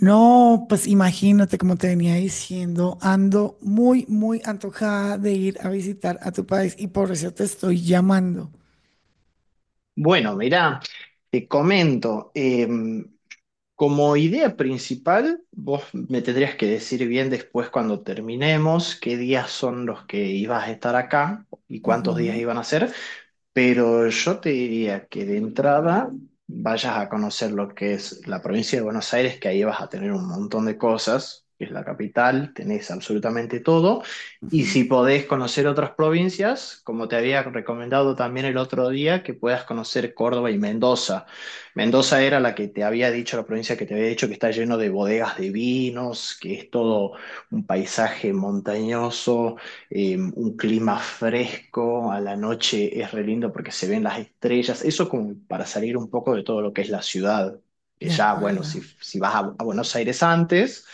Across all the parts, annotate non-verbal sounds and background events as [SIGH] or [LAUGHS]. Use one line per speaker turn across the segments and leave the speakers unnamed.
No, pues imagínate, como te venía diciendo, ando muy, muy antojada de ir a visitar a tu país y por eso te estoy llamando.
Bueno, mirá, te comento. Como idea principal, vos me tendrías que decir bien después cuando terminemos qué días son los que ibas a estar acá y cuántos días
Ujú,
iban a ser, pero yo te diría que de entrada vayas a conocer lo que es la provincia de Buenos Aires, que ahí vas a tener un montón de cosas, que es la capital, tenés absolutamente todo, y si
ujú.
podés conocer otras provincias, como te había recomendado también el otro día, que puedas conocer Córdoba y Mendoza. Mendoza era la que te había dicho, la provincia que te había dicho que está lleno de bodegas de vinos, que es todo un paisaje montañoso, un clima fresco, a la noche es re lindo porque se ven las estrellas, eso como para salir un poco de todo lo que es la ciudad, que
De
ya, bueno, si,
acuerdo.
si vas a Buenos Aires antes.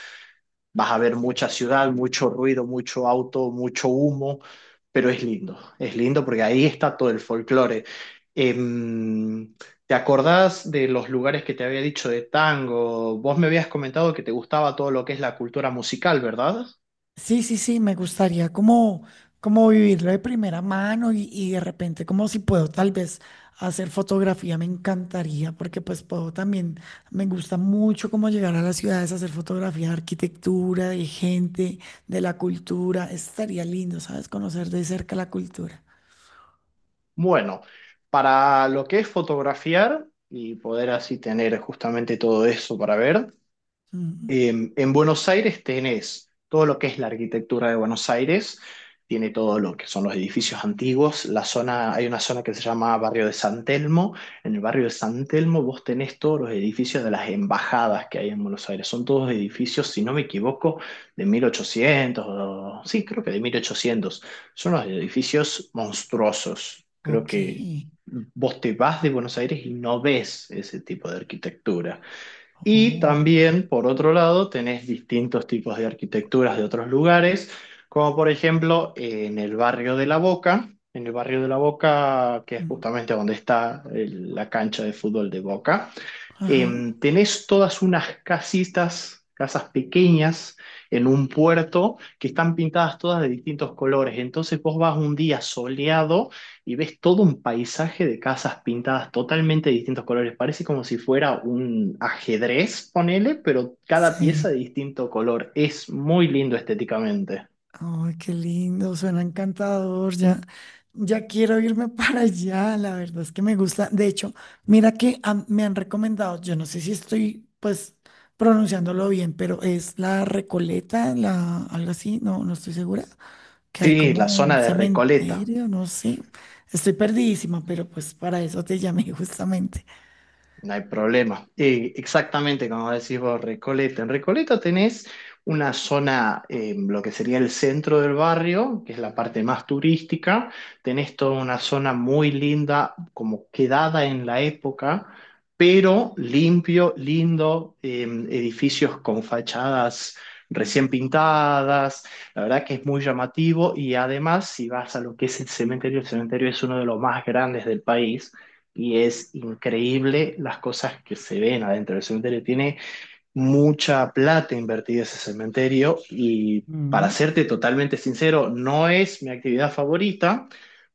Vas a ver mucha ciudad, mucho ruido, mucho auto, mucho humo, pero es lindo porque ahí está todo el folclore. Em, ¿Te acordás de los lugares que te había dicho de tango? Vos me habías comentado que te gustaba todo lo que es la cultura musical, ¿verdad?
Sí, sí, sí, me gustaría como, como vivirlo de primera mano y de repente como si puedo tal vez hacer fotografía, me encantaría porque pues puedo también, me gusta mucho como llegar a las ciudades a hacer fotografía de arquitectura, de gente, de la cultura, estaría lindo, ¿sabes? Conocer de cerca la cultura.
Bueno, para lo que es fotografiar y poder así tener justamente todo eso para ver.
Mm,
En Buenos Aires tenés todo lo que es la arquitectura de Buenos Aires, tiene todo lo que son los edificios antiguos, la zona, hay una zona que se llama Barrio de San Telmo, en el barrio de San Telmo vos tenés todos los edificios de las embajadas que hay en Buenos Aires, son todos edificios, si no me equivoco, de 1800, sí, creo que de 1800. Son los edificios monstruosos, creo
ok.
que vos te vas de Buenos Aires y no ves ese tipo de arquitectura. Y
Oh,
también, por otro lado, tenés distintos tipos de arquitecturas de otros lugares, como por ejemplo en el barrio de La Boca, en el barrio de La Boca, que es
mm,
justamente donde está la cancha de fútbol de Boca.
ajá.
Tenés todas unas casitas, casas pequeñas en un puerto que están pintadas todas de distintos colores. Entonces vos vas un día soleado y ves todo un paisaje de casas pintadas totalmente de distintos colores. Parece como si fuera un ajedrez, ponele, pero cada pieza
Sí.
de distinto color. Es muy lindo estéticamente.
Ay, qué lindo, suena encantador. Ya, ya quiero irme [LAUGHS] para allá. La verdad es que me gusta. De hecho, mira que me han recomendado, yo no sé si estoy pues pronunciándolo bien, pero es la Recoleta, la, algo así, no, no estoy segura. Que hay
Sí, la
como un
zona de Recoleta.
cementerio, no sé. Estoy perdidísima, pero pues para eso te llamé [LAUGHS] justamente.
No hay problema. Exactamente como decís vos, Recoleta. En Recoleta tenés una zona, lo que sería el centro del barrio, que es la parte más turística. Tenés toda una zona muy linda, como quedada en la época, pero limpio, lindo, edificios con fachadas recién pintadas. La verdad que es muy llamativo y además, si vas a lo que es el cementerio es uno de los más grandes del país y es increíble las cosas que se ven adentro del cementerio. Tiene mucha plata invertida ese cementerio y para
Mm.
serte totalmente sincero, no es mi actividad favorita,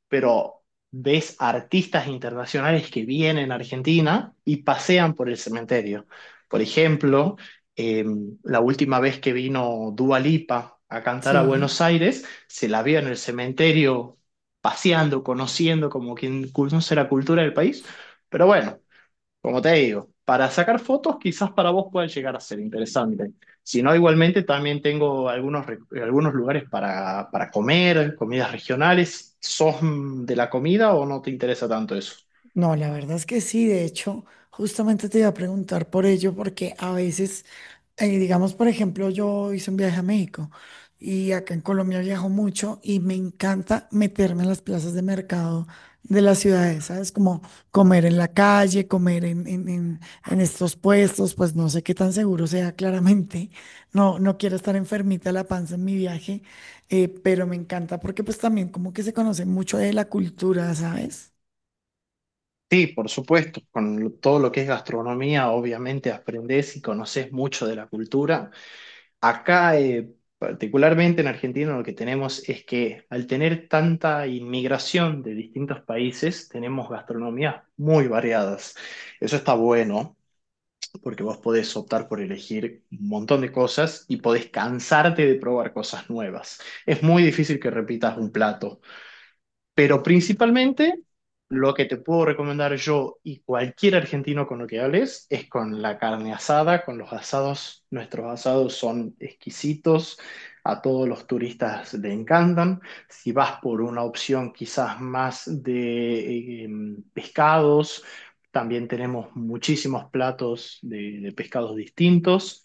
pero ves artistas internacionales que vienen a Argentina y pasean por el cementerio. Por ejemplo, eh, la última vez que vino Dua Lipa a cantar a
Sí.
Buenos Aires, se la vio en el cementerio paseando, conociendo como quien conoce la cultura del país. Pero bueno, como te digo, para sacar fotos quizás para vos pueda llegar a ser interesante. Si no, igualmente también tengo algunos, algunos lugares para comer, comidas regionales. ¿Sos de la comida o no te interesa tanto eso?
No, la verdad es que sí, de hecho, justamente te iba a preguntar por ello, porque a veces, digamos, por ejemplo, yo hice un viaje a México y acá en Colombia viajo mucho y me encanta meterme en las plazas de mercado de las ciudades, ¿sabes? Como comer en la calle, comer en estos puestos, pues no sé qué tan seguro sea claramente, no, no quiero estar enfermita de la panza en mi viaje, pero me encanta porque pues también como que se conoce mucho de la cultura, ¿sabes?
Sí, por supuesto, con todo lo que es gastronomía, obviamente aprendés y conoces mucho de la cultura. Acá, particularmente en Argentina, lo que tenemos es que al tener tanta inmigración de distintos países, tenemos gastronomías muy variadas. Eso está bueno, porque vos podés optar por elegir un montón de cosas y podés cansarte de probar cosas nuevas. Es muy difícil que repitas un plato. Pero principalmente, lo que te puedo recomendar yo y cualquier argentino con lo que hables es con la carne asada, con los asados. Nuestros asados son exquisitos, a todos los turistas le encantan. Si vas por una opción quizás más de pescados, también tenemos muchísimos platos de pescados distintos.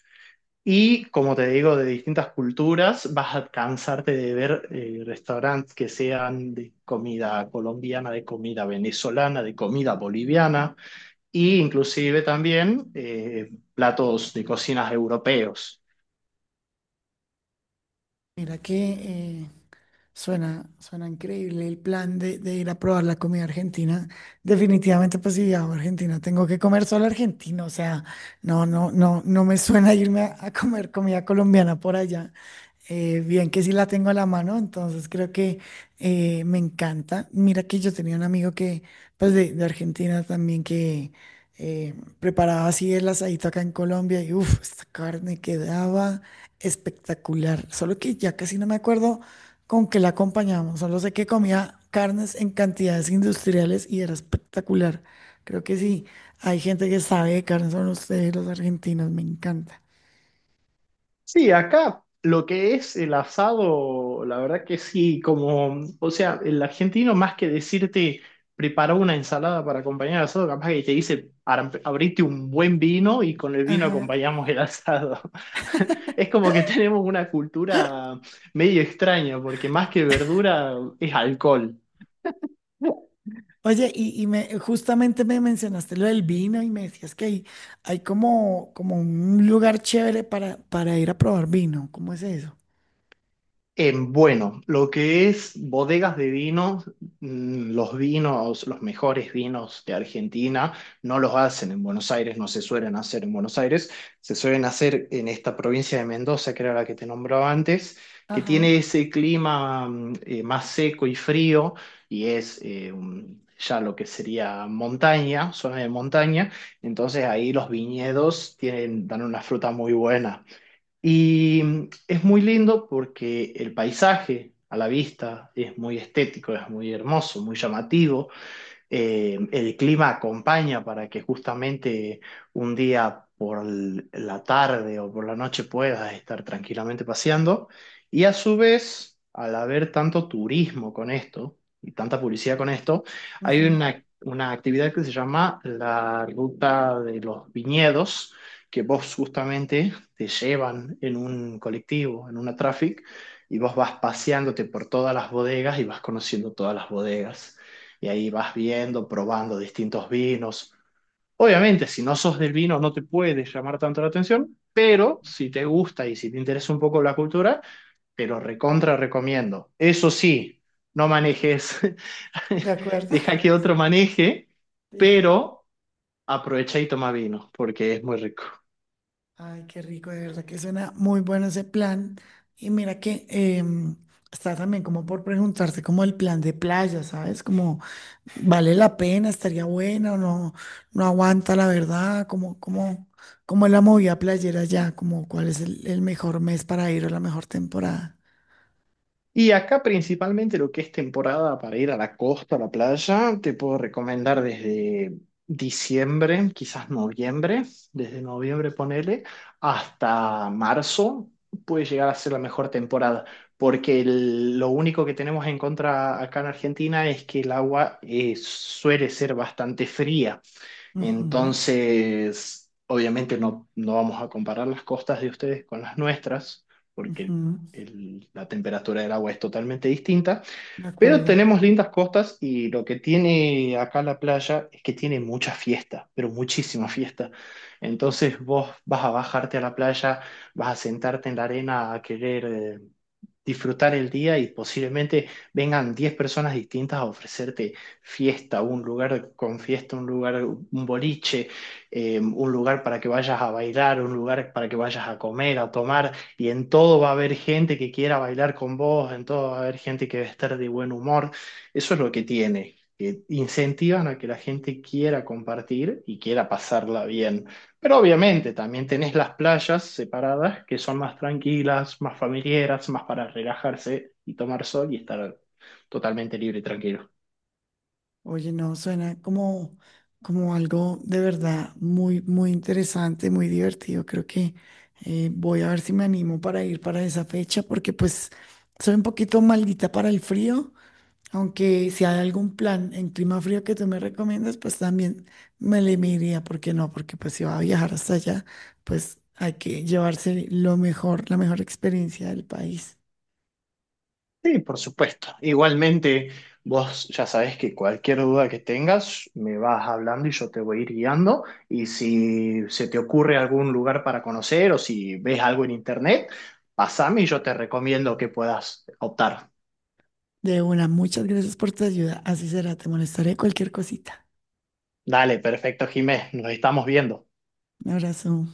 Y como te digo, de distintas culturas, vas a cansarte de ver restaurantes que sean de comida colombiana, de comida venezolana, de comida boliviana, e inclusive también platos de cocinas europeos.
Mira que suena, suena increíble el plan de ir a probar la comida argentina. Definitivamente, pues si viajo a Argentina, tengo que comer solo argentino. O sea, no, no, no, no me suena irme a comer comida colombiana por allá. Bien que sí la tengo a la mano, entonces creo que me encanta. Mira que yo tenía un amigo que, pues de Argentina también, que preparaba así el asadito acá en Colombia y uff, esta carne quedaba espectacular. Solo que ya casi no me acuerdo con que la acompañamos. Solo sé que comía carnes en cantidades industriales y era espectacular. Creo que sí, hay gente que sabe de carnes, son ustedes los argentinos, me encanta.
Sí, acá lo que es el asado, la verdad que sí, como, o sea, el argentino más que decirte prepara una ensalada para acompañar el asado, capaz que te dice abrite un buen vino y con el vino
Ajá.
acompañamos el asado. [LAUGHS] Es como que tenemos una cultura medio extraña, porque más que verdura es alcohol.
Oye, y me, justamente me mencionaste lo del vino y me decías que hay como, como un lugar chévere para ir a probar vino. ¿Cómo es eso?
Bueno, lo que es bodegas de vinos, los vinos, los mejores vinos de Argentina, no los hacen en Buenos Aires, no se suelen hacer en Buenos Aires, se suelen hacer en esta provincia de Mendoza, que era la que te nombraba antes, que
Ajá,
tiene ese clima más seco y frío, y es ya lo que sería montaña, zona de montaña, entonces ahí los viñedos tienen, dan una fruta muy buena. Y es muy lindo porque el paisaje a la vista es muy estético, es muy hermoso, muy llamativo el clima acompaña para que justamente un día por la tarde o por la noche puedas estar tranquilamente paseando. Y a su vez, al haber tanto turismo con esto y tanta publicidad con esto, hay
ujú.
una actividad que se llama la ruta de los viñedos, que vos justamente te llevan en un colectivo, en una traffic, y vos vas paseándote por todas las bodegas y vas conociendo todas las bodegas y ahí vas viendo, probando distintos vinos. Obviamente, si no sos del vino, no te puede llamar tanto la atención, pero si te gusta y si te interesa un poco la cultura, pero recontra recomiendo. Eso sí, no manejes,
De
[LAUGHS]
acuerdo.
deja que otro maneje,
[LAUGHS] Sí.
pero aprovecha y toma vino, porque es muy rico.
Ay, qué rico, de verdad que suena muy bueno ese plan. Y mira que está también como por preguntarte como el plan de playa, ¿sabes? Como vale la pena, estaría buena o no, no aguanta la verdad, como, como, como es la movida playera ya, como cuál es el mejor mes para ir o la mejor temporada.
Y acá principalmente lo que es temporada para ir a la costa, a la playa, te puedo recomendar desde diciembre, quizás noviembre, desde noviembre ponele, hasta marzo puede llegar a ser la mejor temporada, porque lo único que tenemos en contra acá en Argentina es que el agua suele ser bastante fría.
Ujú,
Entonces, obviamente no vamos a comparar las costas de ustedes con las nuestras, porque
ujú,
la temperatura del agua es totalmente distinta.
de
Pero
acuerdo.
tenemos lindas costas y lo que tiene acá la playa es que tiene mucha fiesta, pero muchísima fiesta. Entonces vos vas a bajarte a la playa, vas a sentarte en la arena a querer disfrutar el día y posiblemente vengan 10 personas distintas a ofrecerte fiesta, un lugar con fiesta, un lugar, un boliche, un lugar para que vayas a bailar, un lugar para que vayas a comer, a tomar y en todo va a haber gente que quiera bailar con vos, en todo va a haber gente que va a estar de buen humor. Eso es lo que tiene, que incentivan a que la gente quiera compartir y quiera pasarla bien. Pero obviamente también tenés las playas separadas que son más tranquilas, más familiares, más para relajarse y tomar sol y estar totalmente libre y tranquilo.
Oye, no, suena como, como algo de verdad muy, muy interesante, muy divertido. Creo que voy a ver si me animo para ir para esa fecha, porque pues soy un poquito maldita para el frío, aunque si hay algún plan en clima frío que tú me recomiendas, pues también me le miraría, ¿por qué no? Porque pues si va a viajar hasta allá, pues hay que llevarse lo mejor, la mejor experiencia del país.
Sí, por supuesto. Igualmente, vos ya sabés que cualquier duda que tengas, me vas hablando y yo te voy a ir guiando. Y si se te ocurre algún lugar para conocer o si ves algo en internet, pasame y yo te recomiendo que puedas optar.
De una, muchas gracias por tu ayuda. Así será, te molestaré cualquier cosita.
Dale, perfecto, Jimé. Nos estamos viendo.
Un abrazo.